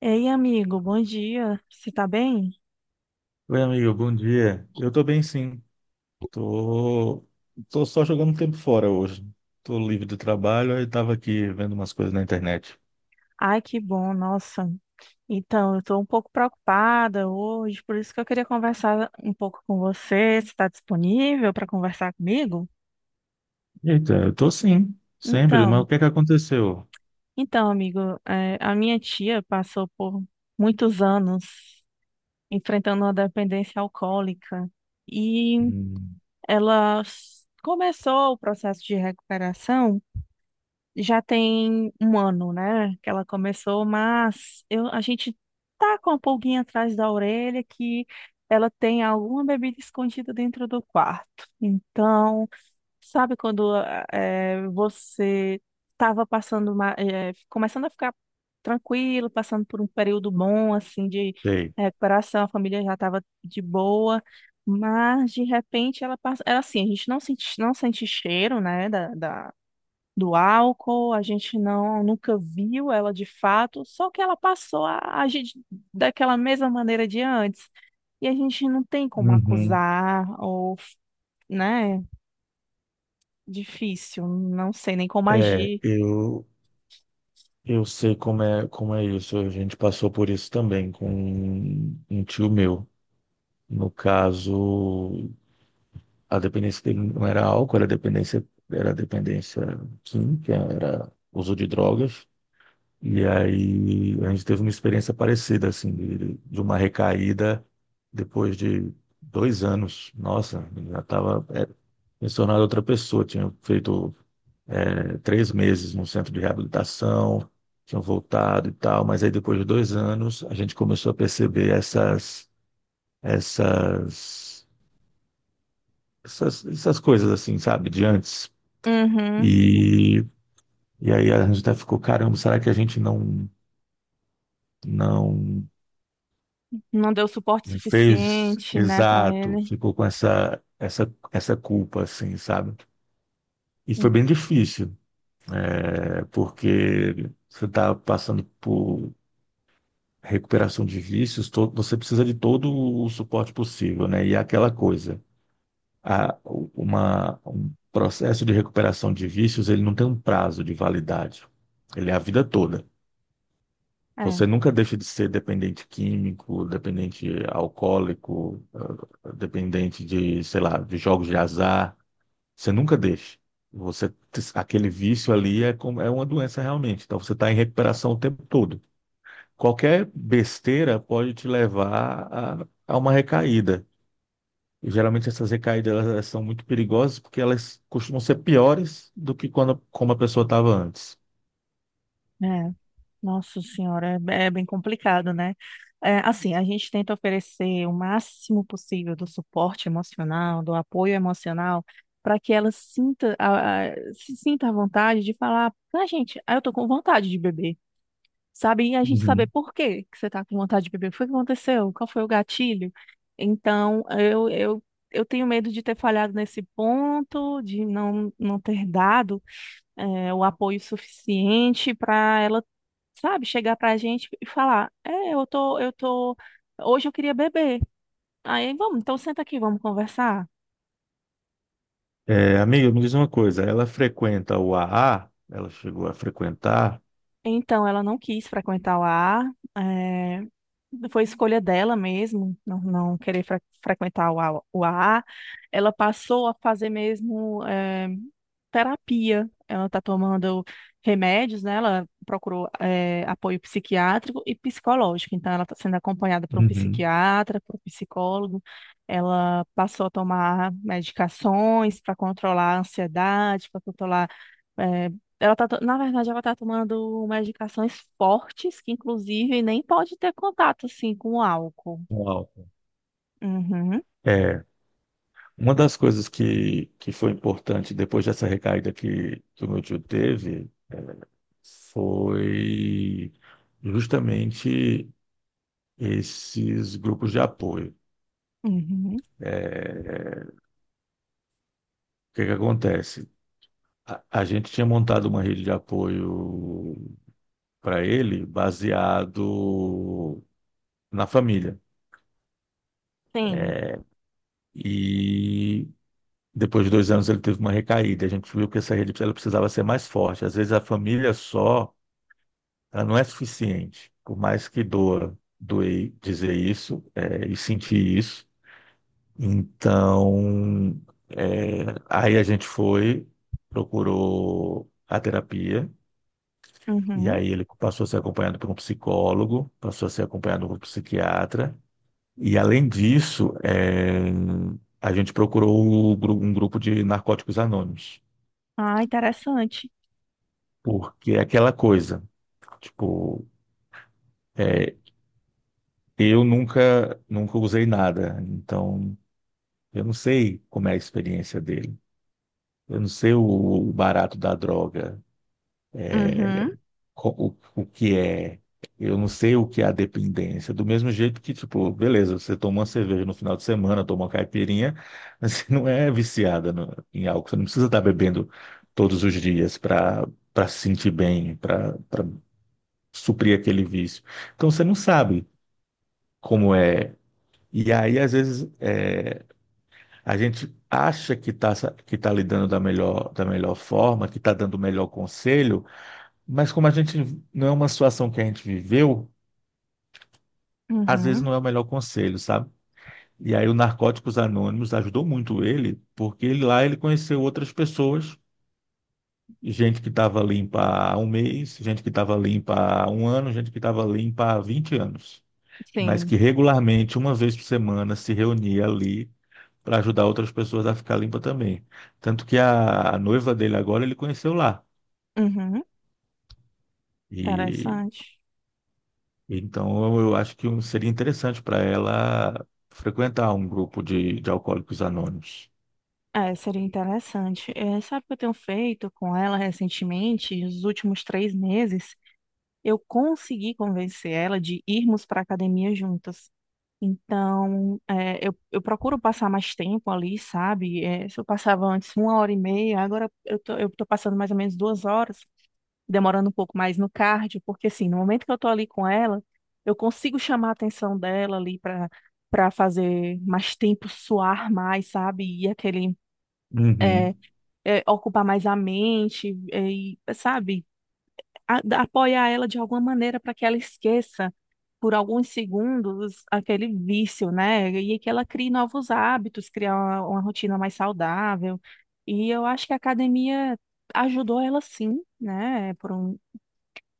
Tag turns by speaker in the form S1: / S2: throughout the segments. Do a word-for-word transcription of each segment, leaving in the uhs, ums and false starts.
S1: Ei, amigo, bom dia. Você tá bem?
S2: Oi, amigo, bom dia. Eu tô bem, sim. Tô, tô só jogando tempo fora hoje. Tô livre do trabalho, aí tava aqui vendo umas coisas na internet.
S1: Ai, que bom, nossa. Então, eu tô um pouco preocupada hoje, por isso que eu queria conversar um pouco com você. Você está disponível para conversar comigo?
S2: Eita, eu tô sim, sempre, mas
S1: Então,
S2: o que é que aconteceu?
S1: então, amigo, eh, a minha tia passou por muitos anos enfrentando uma dependência alcoólica e
S2: Hum,
S1: ela s- começou o processo de recuperação. Já tem um ano, né, que ela começou, mas eu, a gente tá com a pulguinha atrás da orelha que ela tem alguma bebida escondida dentro do quarto. Então, sabe quando ah, eh, você estava passando uma, eh, começando a ficar tranquilo, passando por um período bom assim de
S2: sei.
S1: recuperação, a família já estava de boa. Mas de repente ela passa, ela assim, a gente não sente, não sente cheiro, né, da, da- do álcool, a gente não nunca viu ela de fato, só que ela passou a agir de- daquela mesma maneira de antes. E a gente não tem como
S2: Uhum.
S1: acusar, ou, né? Difícil, não sei nem como
S2: É,
S1: agir.
S2: eu, eu sei como é, como é isso. A gente passou por isso também com um um tio meu. No caso, a dependência dele não era álcool, era dependência, era dependência química, era uso de drogas. E aí a gente teve uma experiência parecida, assim, de, de uma recaída depois de dois anos. Nossa, já estava me tornado outra pessoa. Tinha feito é, três meses no centro de reabilitação, tinha voltado e tal, mas aí depois de dois anos a gente começou a perceber essas, essas, essas, essas coisas, assim, sabe, de antes.
S1: Uhum.
S2: E, e aí a gente até ficou, caramba, será que a gente não. Não.
S1: Não deu suporte
S2: Não fez
S1: suficiente, né, para
S2: exato,
S1: ele.
S2: ficou com essa, essa, essa culpa, assim, sabe? E foi bem difícil, é, porque você está passando por recuperação de vícios, to- você precisa de todo o suporte possível, né? E é aquela coisa, a, uma, um processo de recuperação de vícios, ele não tem um prazo de validade, ele é a vida toda.
S1: É,
S2: Você nunca deixa de ser dependente químico, dependente alcoólico, eh, dependente de, sei lá, de jogos de azar. Você nunca deixa. Você, aquele vício ali é, como- é uma doença realmente. Então você está em recuperação o tempo todo. Qualquer besteira pode te levar a, a uma recaída. E geralmente essas recaídas elas, elas são muito perigosas porque elas costumam ser piores do que quando como a pessoa estava antes.
S1: é. Nossa senhora, é é bem complicado, né? É, assim, a gente tenta oferecer o máximo possível do suporte emocional, do apoio emocional, para que ela sinta a, a- se sinta à vontade de falar: "Ah, gente, ah, eu tô com vontade de beber", sabe? E a gente saber
S2: Uhum.
S1: por que que você tá com vontade de beber, o que foi que aconteceu, qual foi o gatilho? Então, eu, eu, eu tenho medo de ter falhado nesse ponto, de não, não ter dado é, o apoio suficiente para ela, sabe, chegar pra gente e falar: "É, eu tô, eu tô, hoje eu queria beber". Aí, vamos, então senta aqui, vamos conversar.
S2: É, amiga, me diz uma coisa. Ela frequenta o A A? Ela chegou a frequentar?
S1: Então, ela não quis frequentar o ar, foi escolha dela mesmo, não, não querer fre- frequentar o A- o a A. Ela passou a fazer mesmo eh, terapia. Ela está tomando remédios, né? Ela procurou eh, apoio psiquiátrico e psicológico. Então, ela está sendo acompanhada por um
S2: Uhum.
S1: psiquiatra, por um psicólogo. Ela passou a tomar medicações para controlar a ansiedade, para controlar, eh, ela tá, to- na verdade, ela tá tomando umas medicações fortes, que inclusive nem pode ter contato, assim, com o álcool.
S2: Uau.
S1: Uhum,
S2: É, uma das coisas que, que foi importante depois dessa recaída que, que o meu tio teve foi justamente esses grupos de apoio.
S1: uhum.
S2: É, é, o que que acontece? A, a gente tinha montado uma rede de apoio para ele baseado na família.
S1: Sim.
S2: E depois de dois anos ele teve uma recaída. A gente viu que essa rede ela precisava ser mais forte. Às vezes a família só ela não é suficiente. Por mais que doa, doer dizer isso é, e sentir isso. Então, é, aí a gente foi, procurou a terapia, e
S1: Uhum.
S2: aí ele passou a ser acompanhado por um psicólogo, passou a ser acompanhado por um psiquiatra. E além disso, é, a gente procurou o gru- um grupo de narcóticos anônimos,
S1: Ah, interessante.
S2: porque é aquela coisa, tipo, é, eu nunca, nunca usei nada, então eu não sei como é a experiência dele. Eu não sei o, o barato da droga,
S1: Uhum,
S2: co- o, o que é. Eu não sei o que é a dependência. Do mesmo jeito que, tipo, beleza, você toma uma cerveja no final de semana, toma uma caipirinha, mas você não é viciada no- em álcool. Você não precisa estar bebendo todos os dias para para se sentir bem, para para suprir aquele vício. Então você não sabe como é. E aí, às vezes. A gente acha que está que tá lidando da melhor, da melhor forma, que está dando o melhor conselho, mas como a gente não é uma situação que a gente viveu, às vezes
S1: uhum.
S2: não é o melhor conselho, sabe? E aí o Narcóticos Anônimos ajudou muito ele, porque ele, lá ele conheceu outras pessoas, gente que estava limpa há um mês, gente que estava limpa há um ano, gente que estava limpa há vinte anos. Mas
S1: Sim,
S2: que regularmente, uma vez por semana, se reunia ali para ajudar outras pessoas a ficar limpa também. Tanto que a, a noiva dele agora ele conheceu lá.
S1: uhum.
S2: E
S1: Interessante.
S2: então eu acho que um- seria interessante para ela frequentar um grupo de, de alcoólicos anônimos.
S1: É, seria interessante. É, sabe o que eu tenho feito com ela recentemente, nos últimos três meses? Eu consegui convencer ela de irmos para academia juntas. Então, é, eu, eu procuro passar mais tempo ali, sabe? É, se eu passava antes uma hora e meia, agora eu tô, eu tô passando mais ou menos duas horas, demorando um pouco mais no cardio, porque assim, no momento que eu tô ali com ela, eu consigo chamar a atenção dela ali para para fazer mais tempo, suar mais, sabe? E aquele,
S2: Uhum,
S1: é, ocupar mais a mente, é, e, sabe? A- da- apoiar ela de alguma maneira para que ela esqueça por alguns segundos aquele vício, né? E que ela crie novos hábitos, criar uma, uma rotina mais saudável. E eu acho que a academia ajudou ela sim, né? Por um,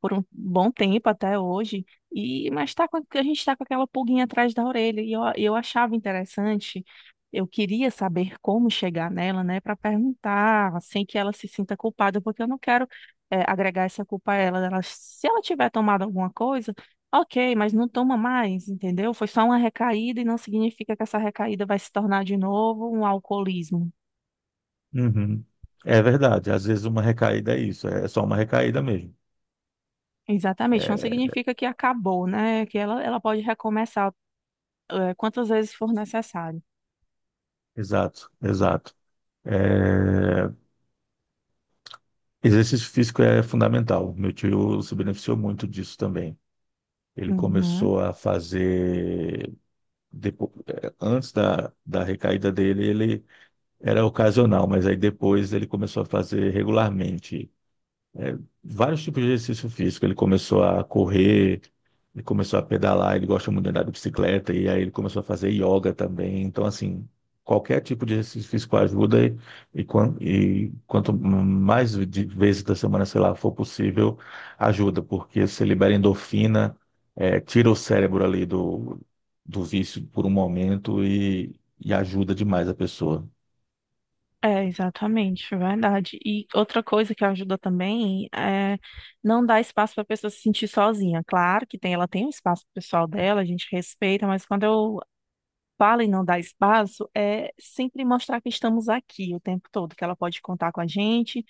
S1: Por um bom tempo até hoje, e mas tá com, a gente está com aquela pulguinha atrás da orelha, e eu, eu achava interessante, eu queria saber como chegar nela, né, para perguntar, sem que ela se sinta culpada, porque eu não quero eh, agregar essa culpa a ela. Ela- se ela tiver tomado alguma coisa, ok, mas não toma mais, entendeu? Foi só uma recaída e não significa que essa recaída vai se tornar de novo um alcoolismo.
S2: uhum. É verdade, às vezes uma recaída é isso, é só uma recaída mesmo.
S1: Exatamente, não
S2: É,
S1: significa que acabou, né? Que ela, ela pode recomeçar eh, quantas vezes for necessário.
S2: exato, exato. É, exercício físico é fundamental. Meu tio se beneficiou muito disso também. Ele
S1: Uhum.
S2: começou a fazer. depo- eh, Antes da, da, recaída dele, ele era ocasional, mas aí depois ele começou a fazer regularmente. eh, Vários tipos de exercício físico. Ele começou a correr, ele começou a pedalar, ele gosta muito de andar de bicicleta, e aí ele começou a fazer yoga também. Então, assim, qualquer tipo de exercício físico ajuda, e, e, quan- e quanto mais de vezes da semana, sei lá, for possível, ajuda, porque você libera endorfina, eh, tira o cérebro ali do, do vício por um momento e, e ajuda demais a pessoa.
S1: É, exatamente, verdade. E outra coisa que ajuda também é não dar espaço para a pessoa se sentir sozinha. Claro que tem, ela tem um espaço pessoal dela, a gente respeita, mas quando eu falo em não dar espaço, é sempre mostrar que estamos aqui o tempo todo, que ela pode contar com a gente,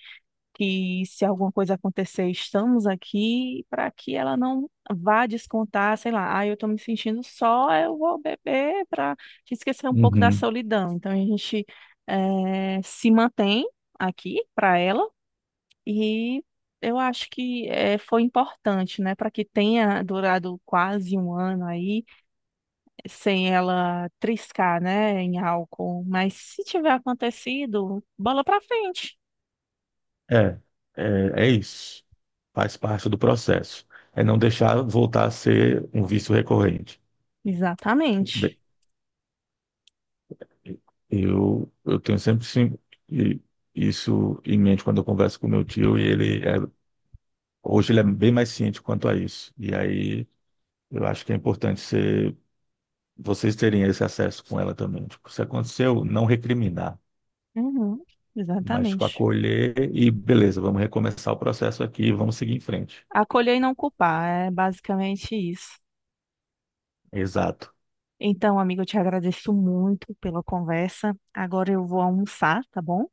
S1: que se alguma coisa acontecer, estamos aqui para que ela não vá descontar, sei lá, ah, eu estou me sentindo só, eu vou beber para esquecer um pouco da
S2: Uhum.
S1: solidão. Então a gente eh, se mantém aqui para ela, e eu acho que eh, foi importante, né, para que tenha durado quase um ano aí sem ela triscar, né, em álcool. Mas se tiver acontecido, bola para frente.
S2: É, é, é isso. Faz parte do processo. É não deixar voltar a ser um vício recorrente.
S1: Exatamente.
S2: Eu, eu tenho sempre sim, e- isso em mente quando eu converso com meu tio, e ele é, hoje ele é bem mais ciente quanto a isso. E aí eu acho que é importante ser, vocês terem esse acesso com ela também. Tipo, se aconteceu, não recriminar,
S1: Uhum,
S2: mas tipo,
S1: exatamente.
S2: acolher e beleza, vamos recomeçar o processo aqui, e vamos seguir em frente.
S1: Acolher e não culpar, é basicamente isso.
S2: Exato,
S1: Então, amigo, eu te agradeço muito pela conversa. Agora eu vou almoçar, tá bom?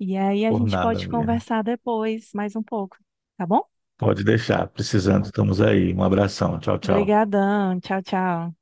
S1: E aí a
S2: por
S1: gente
S2: nada,
S1: pode
S2: amiga.
S1: conversar depois mais um pouco, tá bom?
S2: Pode deixar, precisando, estamos aí. Um abração, tchau, tchau.
S1: Obrigadão, tchau, tchau.